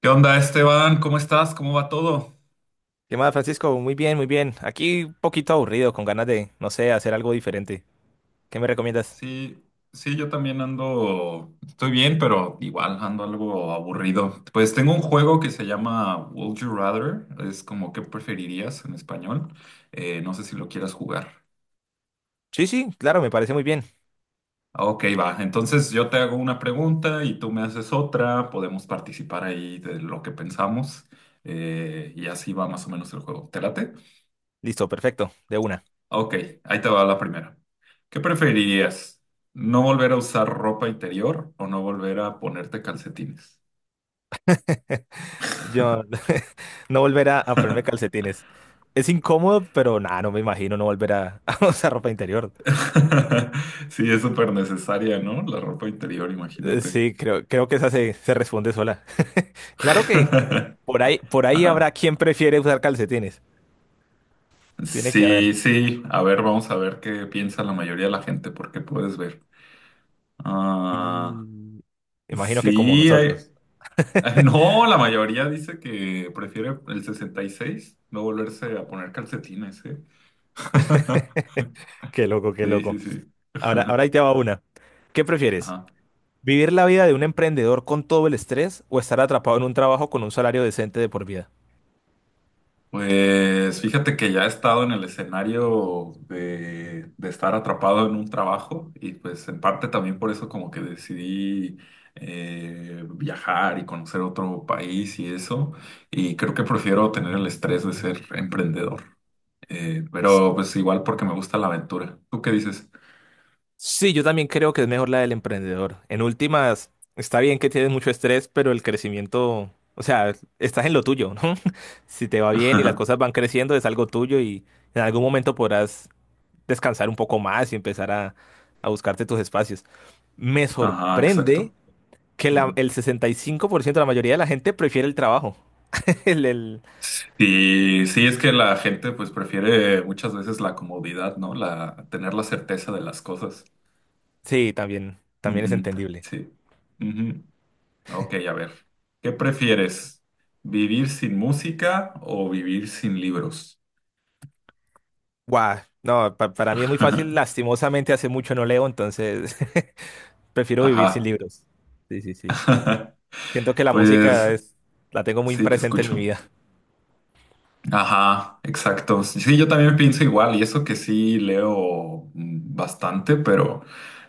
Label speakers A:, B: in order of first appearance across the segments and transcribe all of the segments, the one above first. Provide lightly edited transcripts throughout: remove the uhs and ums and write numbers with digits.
A: ¿Qué onda, Esteban? ¿Cómo estás? ¿Cómo va todo?
B: ¿Qué más, Francisco? Muy bien, muy bien. Aquí un poquito aburrido, con ganas de, no sé, hacer algo diferente. ¿Qué me recomiendas?
A: Sí, sí, yo también estoy bien, pero igual ando algo aburrido. Pues tengo un juego que se llama Would You Rather, es como ¿qué preferirías en español? No sé si lo quieras jugar.
B: Sí, sí, claro, me parece muy bien.
A: Ah, ok, va. Entonces yo te hago una pregunta y tú me haces otra, podemos participar ahí de lo que pensamos, y así va más o menos el juego. ¿Te late?
B: Listo, perfecto, de una.
A: Ok, ahí te va la primera. ¿Qué preferirías? ¿No volver a usar ropa interior o no volver a ponerte calcetines?
B: Yo no volver a ponerme calcetines. Es incómodo, pero nada, no me imagino no volver a usar ropa interior.
A: Sí, es súper necesaria, ¿no? La ropa interior, imagínate.
B: Sí, creo que se responde sola. Claro que por ahí
A: Ajá.
B: habrá quien prefiere usar calcetines. Tiene que haber.
A: Sí, sí. A ver, vamos a ver qué piensa la mayoría de la gente, porque puedes ver. Ah,
B: Y imagino que como
A: sí,
B: nosotros.
A: no, la mayoría dice que prefiere el 66 no volverse a poner calcetines, ¿eh?
B: Qué loco, qué
A: Sí, sí,
B: loco.
A: sí.
B: Ahora ahí te va una. ¿Qué prefieres?
A: Ajá.
B: ¿Vivir la vida de un emprendedor con todo el estrés o estar atrapado en un trabajo con un salario decente de por vida?
A: Pues fíjate que ya he estado en el escenario de, estar atrapado en un trabajo y pues en parte también por eso como que decidí, viajar y conocer otro país y eso. Y creo que prefiero tener el estrés de ser emprendedor. Pero pues igual porque me gusta la aventura. ¿Tú qué dices?
B: Sí, yo también creo que es mejor la del emprendedor. En últimas, está bien que tienes mucho estrés, pero el crecimiento, o sea, estás en lo tuyo, ¿no? Si te va bien y las cosas van creciendo, es algo tuyo y en algún momento podrás descansar un poco más y empezar a buscarte tus espacios. Me
A: Ajá,
B: sorprende
A: exacto.
B: que
A: Ujú.
B: el 65% de la mayoría de la gente prefiere el trabajo. El, el-
A: Sí, sí, es que la gente pues prefiere muchas veces la comodidad, ¿no? La tener la certeza de las cosas.
B: Sí, también, también es
A: Ujú.
B: entendible.
A: Sí. Ujú. Ok, a ver. ¿Qué prefieres? ¿Vivir sin música o vivir sin libros?
B: Guau, no, para mí es muy fácil, lastimosamente hace mucho no leo, entonces prefiero vivir sin
A: Ajá.
B: libros. Sí, sí, sí. Siento que la
A: Pues
B: música es, la tengo muy
A: sí, te
B: presente en mi
A: escucho.
B: vida.
A: Ajá, exacto. Sí, yo también pienso igual, y eso que sí leo bastante, pero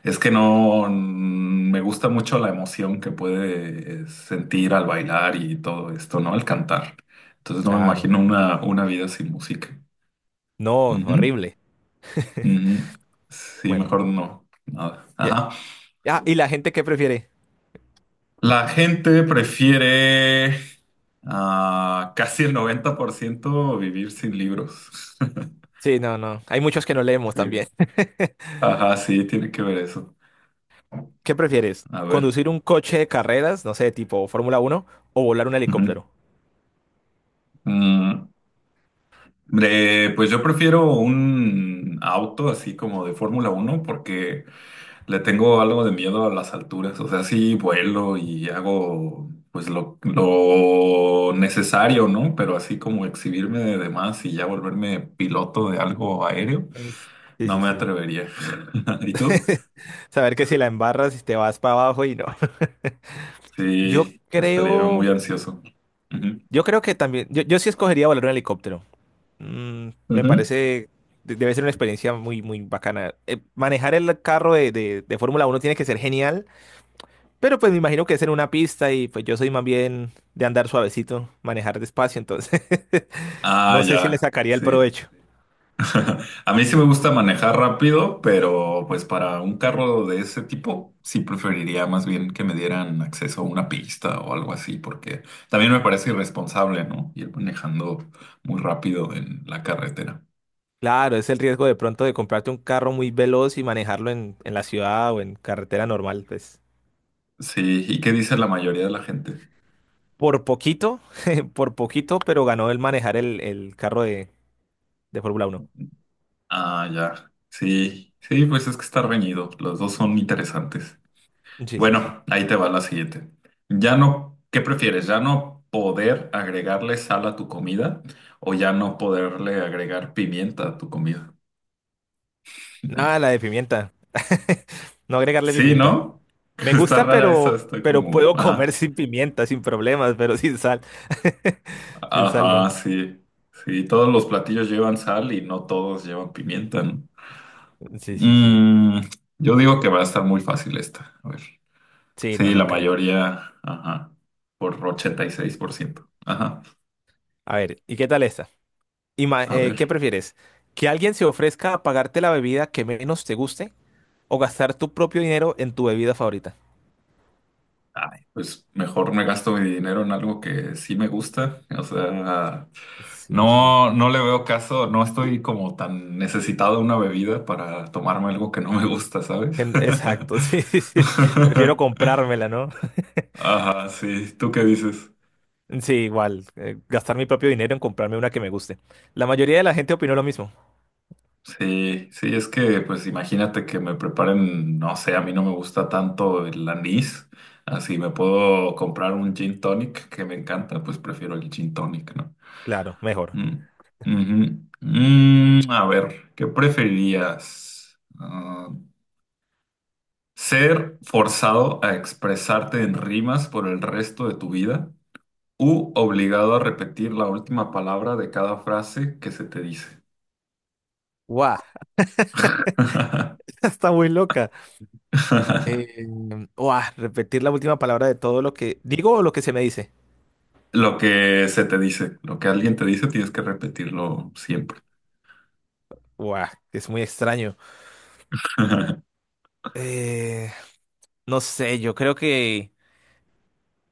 A: es que no me gusta mucho la emoción que puede, sentir al bailar y todo esto, ¿no? Al cantar. Entonces no me
B: Claro.
A: imagino una, vida sin música.
B: No, horrible.
A: Ujú. Sí,
B: Bueno.
A: mejor no. Nada.
B: ya-
A: Ajá.
B: Ah, ¿y la gente qué prefiere?
A: La gente prefiere, ah, casi el 90% vivir sin libros.
B: Sí, no, no. Hay muchos que no leemos
A: Sí.
B: también.
A: Ajá, sí, tiene que ver eso.
B: ¿Qué prefieres?
A: A ver.
B: ¿Conducir un coche de carreras, no sé, tipo Fórmula uno o volar un
A: Ujú.
B: helicóptero?
A: Mm, pues yo prefiero un auto así como de Fórmula 1 porque le tengo algo de miedo a las alturas, o sea, sí vuelo y hago pues lo, necesario, ¿no? Pero así como exhibirme de demás y ya volverme piloto de algo aéreo,
B: Es- Sí,
A: no
B: sí,
A: me
B: sí.
A: atrevería. ¿Y tú?
B: Saber que si la embarras te vas para abajo y no. Yo
A: Sí, estaría muy
B: creo.
A: ansioso. Ujú.
B: Yo creo que también, yo sí escogería volar un helicóptero. Mm, me
A: Ujú.
B: parece, debe ser una experiencia muy, muy bacana. Manejar el carro de Fórmula uno tiene que ser genial, pero pues me imagino que es en una pista y pues yo soy más bien de andar suavecito, manejar despacio, entonces
A: Ah,
B: no sé si le
A: ya,
B: sacaría el
A: sí.
B: provecho.
A: A mí sí me gusta manejar rápido, pero pues para un carro de ese tipo sí preferiría más bien que me dieran acceso a una pista o algo así, porque también me parece irresponsable, ¿no? Ir manejando muy rápido en la carretera.
B: Claro, es el riesgo de pronto de comprarte un carro muy veloz y manejarlo en la ciudad o en carretera normal, pues
A: Sí, ¿y qué dice la mayoría de la gente?
B: por poquito, por poquito, pero ganó el manejar el carro de Fórmula uno.
A: Ah, ya. Sí, sí, pues es que está reñido. Los dos son interesantes.
B: Sí, sí, sí.
A: Bueno, ahí te va la siguiente. Ya no, ¿qué prefieres? ¿Ya no poder agregarle sal a tu comida o ya no poderle agregar pimienta a tu comida?
B: Nada, la de pimienta. No agregarle
A: Sí,
B: pimienta.
A: ¿no?
B: Me
A: Está
B: gusta,
A: rara esa, está
B: pero
A: como,
B: puedo comer
A: ajá,
B: sin pimienta, sin problemas, pero sin sal. Sin sal,
A: ajá,
B: no.
A: sí, sí, todos los platillos llevan sal y no todos llevan pimienta, ¿no?
B: Sí, sí, sí.
A: Mm, yo digo que va a estar muy fácil esta, a ver.
B: Sí, no,
A: Sí, la
B: no creo.
A: mayoría, ajá, por 86%. Ajá,
B: A ver, ¿y qué tal esta?
A: a
B: ¿Qué
A: ver.
B: prefieres? ¿Que alguien se ofrezca a pagarte la bebida que menos te guste o gastar tu propio dinero en tu bebida favorita?
A: Ay, pues mejor me gasto mi dinero en algo que sí me gusta. O sea,
B: Sí, sí.
A: no, no le veo caso, no estoy como tan necesitado de una bebida para tomarme algo que no me gusta, ¿sabes?
B: Exacto, sí, sí, sí. Prefiero comprármela, ¿no?
A: Ajá, sí. ¿Tú qué dices?
B: Sí, igual. Gastar mi propio dinero en comprarme una que me guste. La mayoría de la gente opinó lo mismo.
A: Sí, sí, es que pues imagínate que me preparen, no sé, a mí no me gusta tanto el anís. Así me puedo comprar un gin tonic que me encanta, pues prefiero el gin tonic.
B: Claro, mejor.
A: Mm, ujú. A ver, ¿qué preferirías? Ah, ¿ser forzado a expresarte en rimas por el resto de tu vida u obligado a repetir la última palabra de cada frase que se te dice?
B: ¡Guau! Está muy loca. Eh, ¡Guau! Repetir la última palabra de todo lo que digo o lo que se me dice.
A: Lo que se te dice, lo que alguien te dice, tienes que repetirlo siempre.
B: ¡Guau! Es muy extraño. Eh, no sé, yo creo que...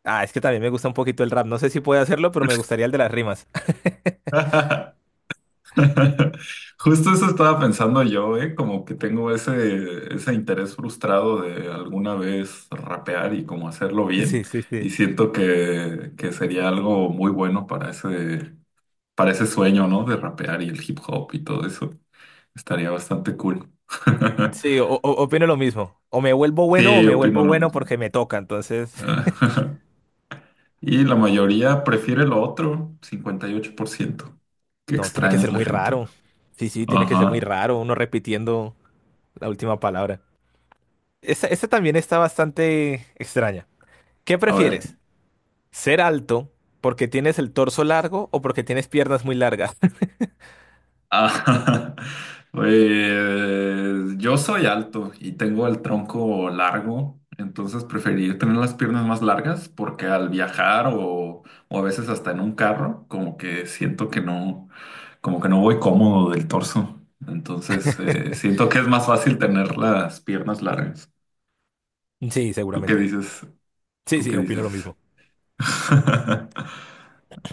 B: Ah, es que también me gusta un poquito el rap. No sé si puedo hacerlo, pero me gustaría el de las rimas.
A: Justo eso estaba pensando yo, ¿eh? Como que tengo ese, interés frustrado de alguna vez rapear y como hacerlo bien.
B: Sí, sí,
A: Y
B: sí.
A: siento que, sería algo muy bueno para ese, sueño, ¿no? De rapear y el hip hop y todo eso. Estaría bastante cool.
B: Sí, opino lo mismo. O me vuelvo bueno o
A: Sí,
B: me
A: opino
B: vuelvo
A: lo
B: bueno
A: mismo.
B: porque me toca. Entonces,
A: Y la mayoría prefiere lo otro, 58%. Qué
B: no, tiene que
A: extraña es
B: ser
A: la
B: muy
A: gente.
B: raro. Sí, sí, tiene que ser muy
A: Ajá.
B: raro uno repitiendo la última palabra. Esta también está bastante extraña. ¿Qué
A: A ver.
B: prefieres? ¿Ser alto porque tienes el torso largo o porque tienes piernas muy largas?
A: Ah, pues yo soy alto y tengo el tronco largo, entonces preferí tener las piernas más largas porque al viajar o a veces hasta en un carro, como que siento que no, como que no voy cómodo del torso. Entonces, siento que es más fácil tener las piernas largas.
B: Sí,
A: ¿Tú qué
B: seguramente.
A: dices?
B: Sí,
A: ¿Tú qué
B: sí, opino lo
A: dices?
B: mismo.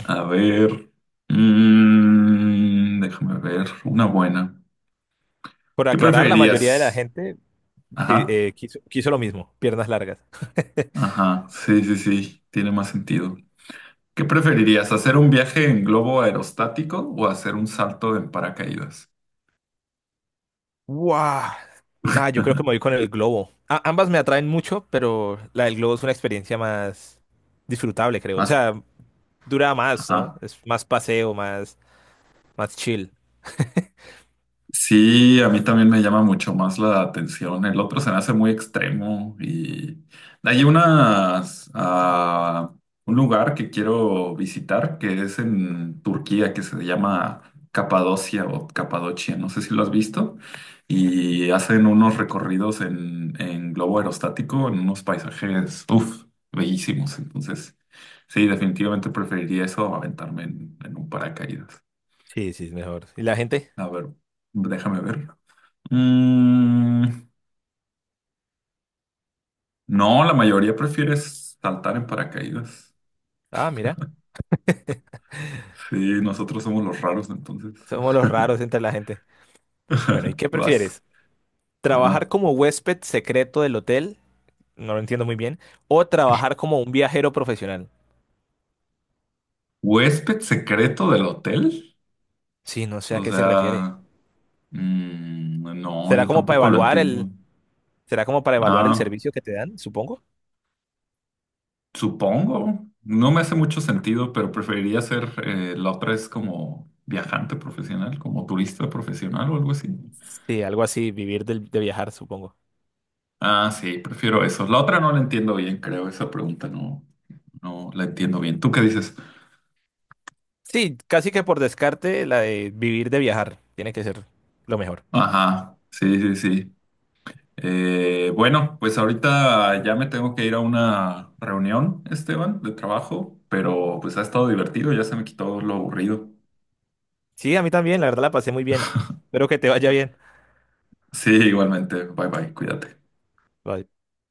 A: A ver, déjame ver, una buena.
B: Por
A: ¿Qué
B: aclarar, la mayoría de la
A: preferirías?
B: gente
A: Ajá,
B: quiso lo mismo, piernas largas.
A: ajá, sí, sí, sí, tiene más sentido. ¿Qué preferirías, hacer un viaje en globo aerostático o hacer un salto en paracaídas?
B: ¡Wow! Ah, yo creo que me voy con el globo. Ambas me atraen mucho, pero la del globo es una experiencia más disfrutable, creo. O
A: Más,
B: sea, dura más, ¿no?
A: ajá.
B: Es más paseo, más, más chill.
A: Sí, a mí también me llama mucho más la atención. El otro se me hace muy extremo y hay unas, un lugar que quiero visitar que es en Turquía, que se llama Capadocia o Capadocia, no sé si lo has visto, y hacen unos recorridos en, globo aerostático, en unos paisajes, uff, bellísimos. Entonces, sí, definitivamente preferiría eso a aventarme en, un paracaídas.
B: Sí, sí, es mejor. ¿Y la gente?
A: A ver, déjame ver. Mm, no, la mayoría prefiere saltar en paracaídas.
B: Ah, mira,
A: Sí, nosotros somos los raros entonces.
B: somos los raros entre la gente. Bueno, ¿y qué
A: Vas.
B: prefieres? Trabajar
A: Ajá.
B: como huésped secreto del hotel, no lo entiendo muy bien, o trabajar como un viajero profesional.
A: ¿Huésped secreto del hotel?
B: Sí, no sé a
A: O
B: qué se refiere.
A: sea, no,
B: ¿Será
A: yo
B: como para
A: tampoco lo
B: evaluar
A: entiendo.
B: será como para evaluar el
A: Ah,
B: servicio que te dan, supongo?
A: supongo. No me hace mucho sentido, pero preferiría ser, la otra es como viajante profesional, como turista profesional o algo así.
B: Sí, algo así, vivir de, viajar, supongo.
A: Ah, sí, prefiero eso. La otra no la entiendo bien, creo, esa pregunta no. No la entiendo bien. ¿Tú qué dices?
B: Sí, casi que por descarte la de vivir de viajar, tiene que ser lo mejor.
A: Ajá, sí, sí, sí. Bueno, pues ahorita ya me tengo que ir a una reunión, Esteban, de trabajo, pero pues ha estado divertido, ya se me quitó lo aburrido.
B: Sí, a mí también, la verdad la pasé muy bien. Espero que te vaya bien.
A: Sí, igualmente. Bye bye, cuídate.
B: Bye.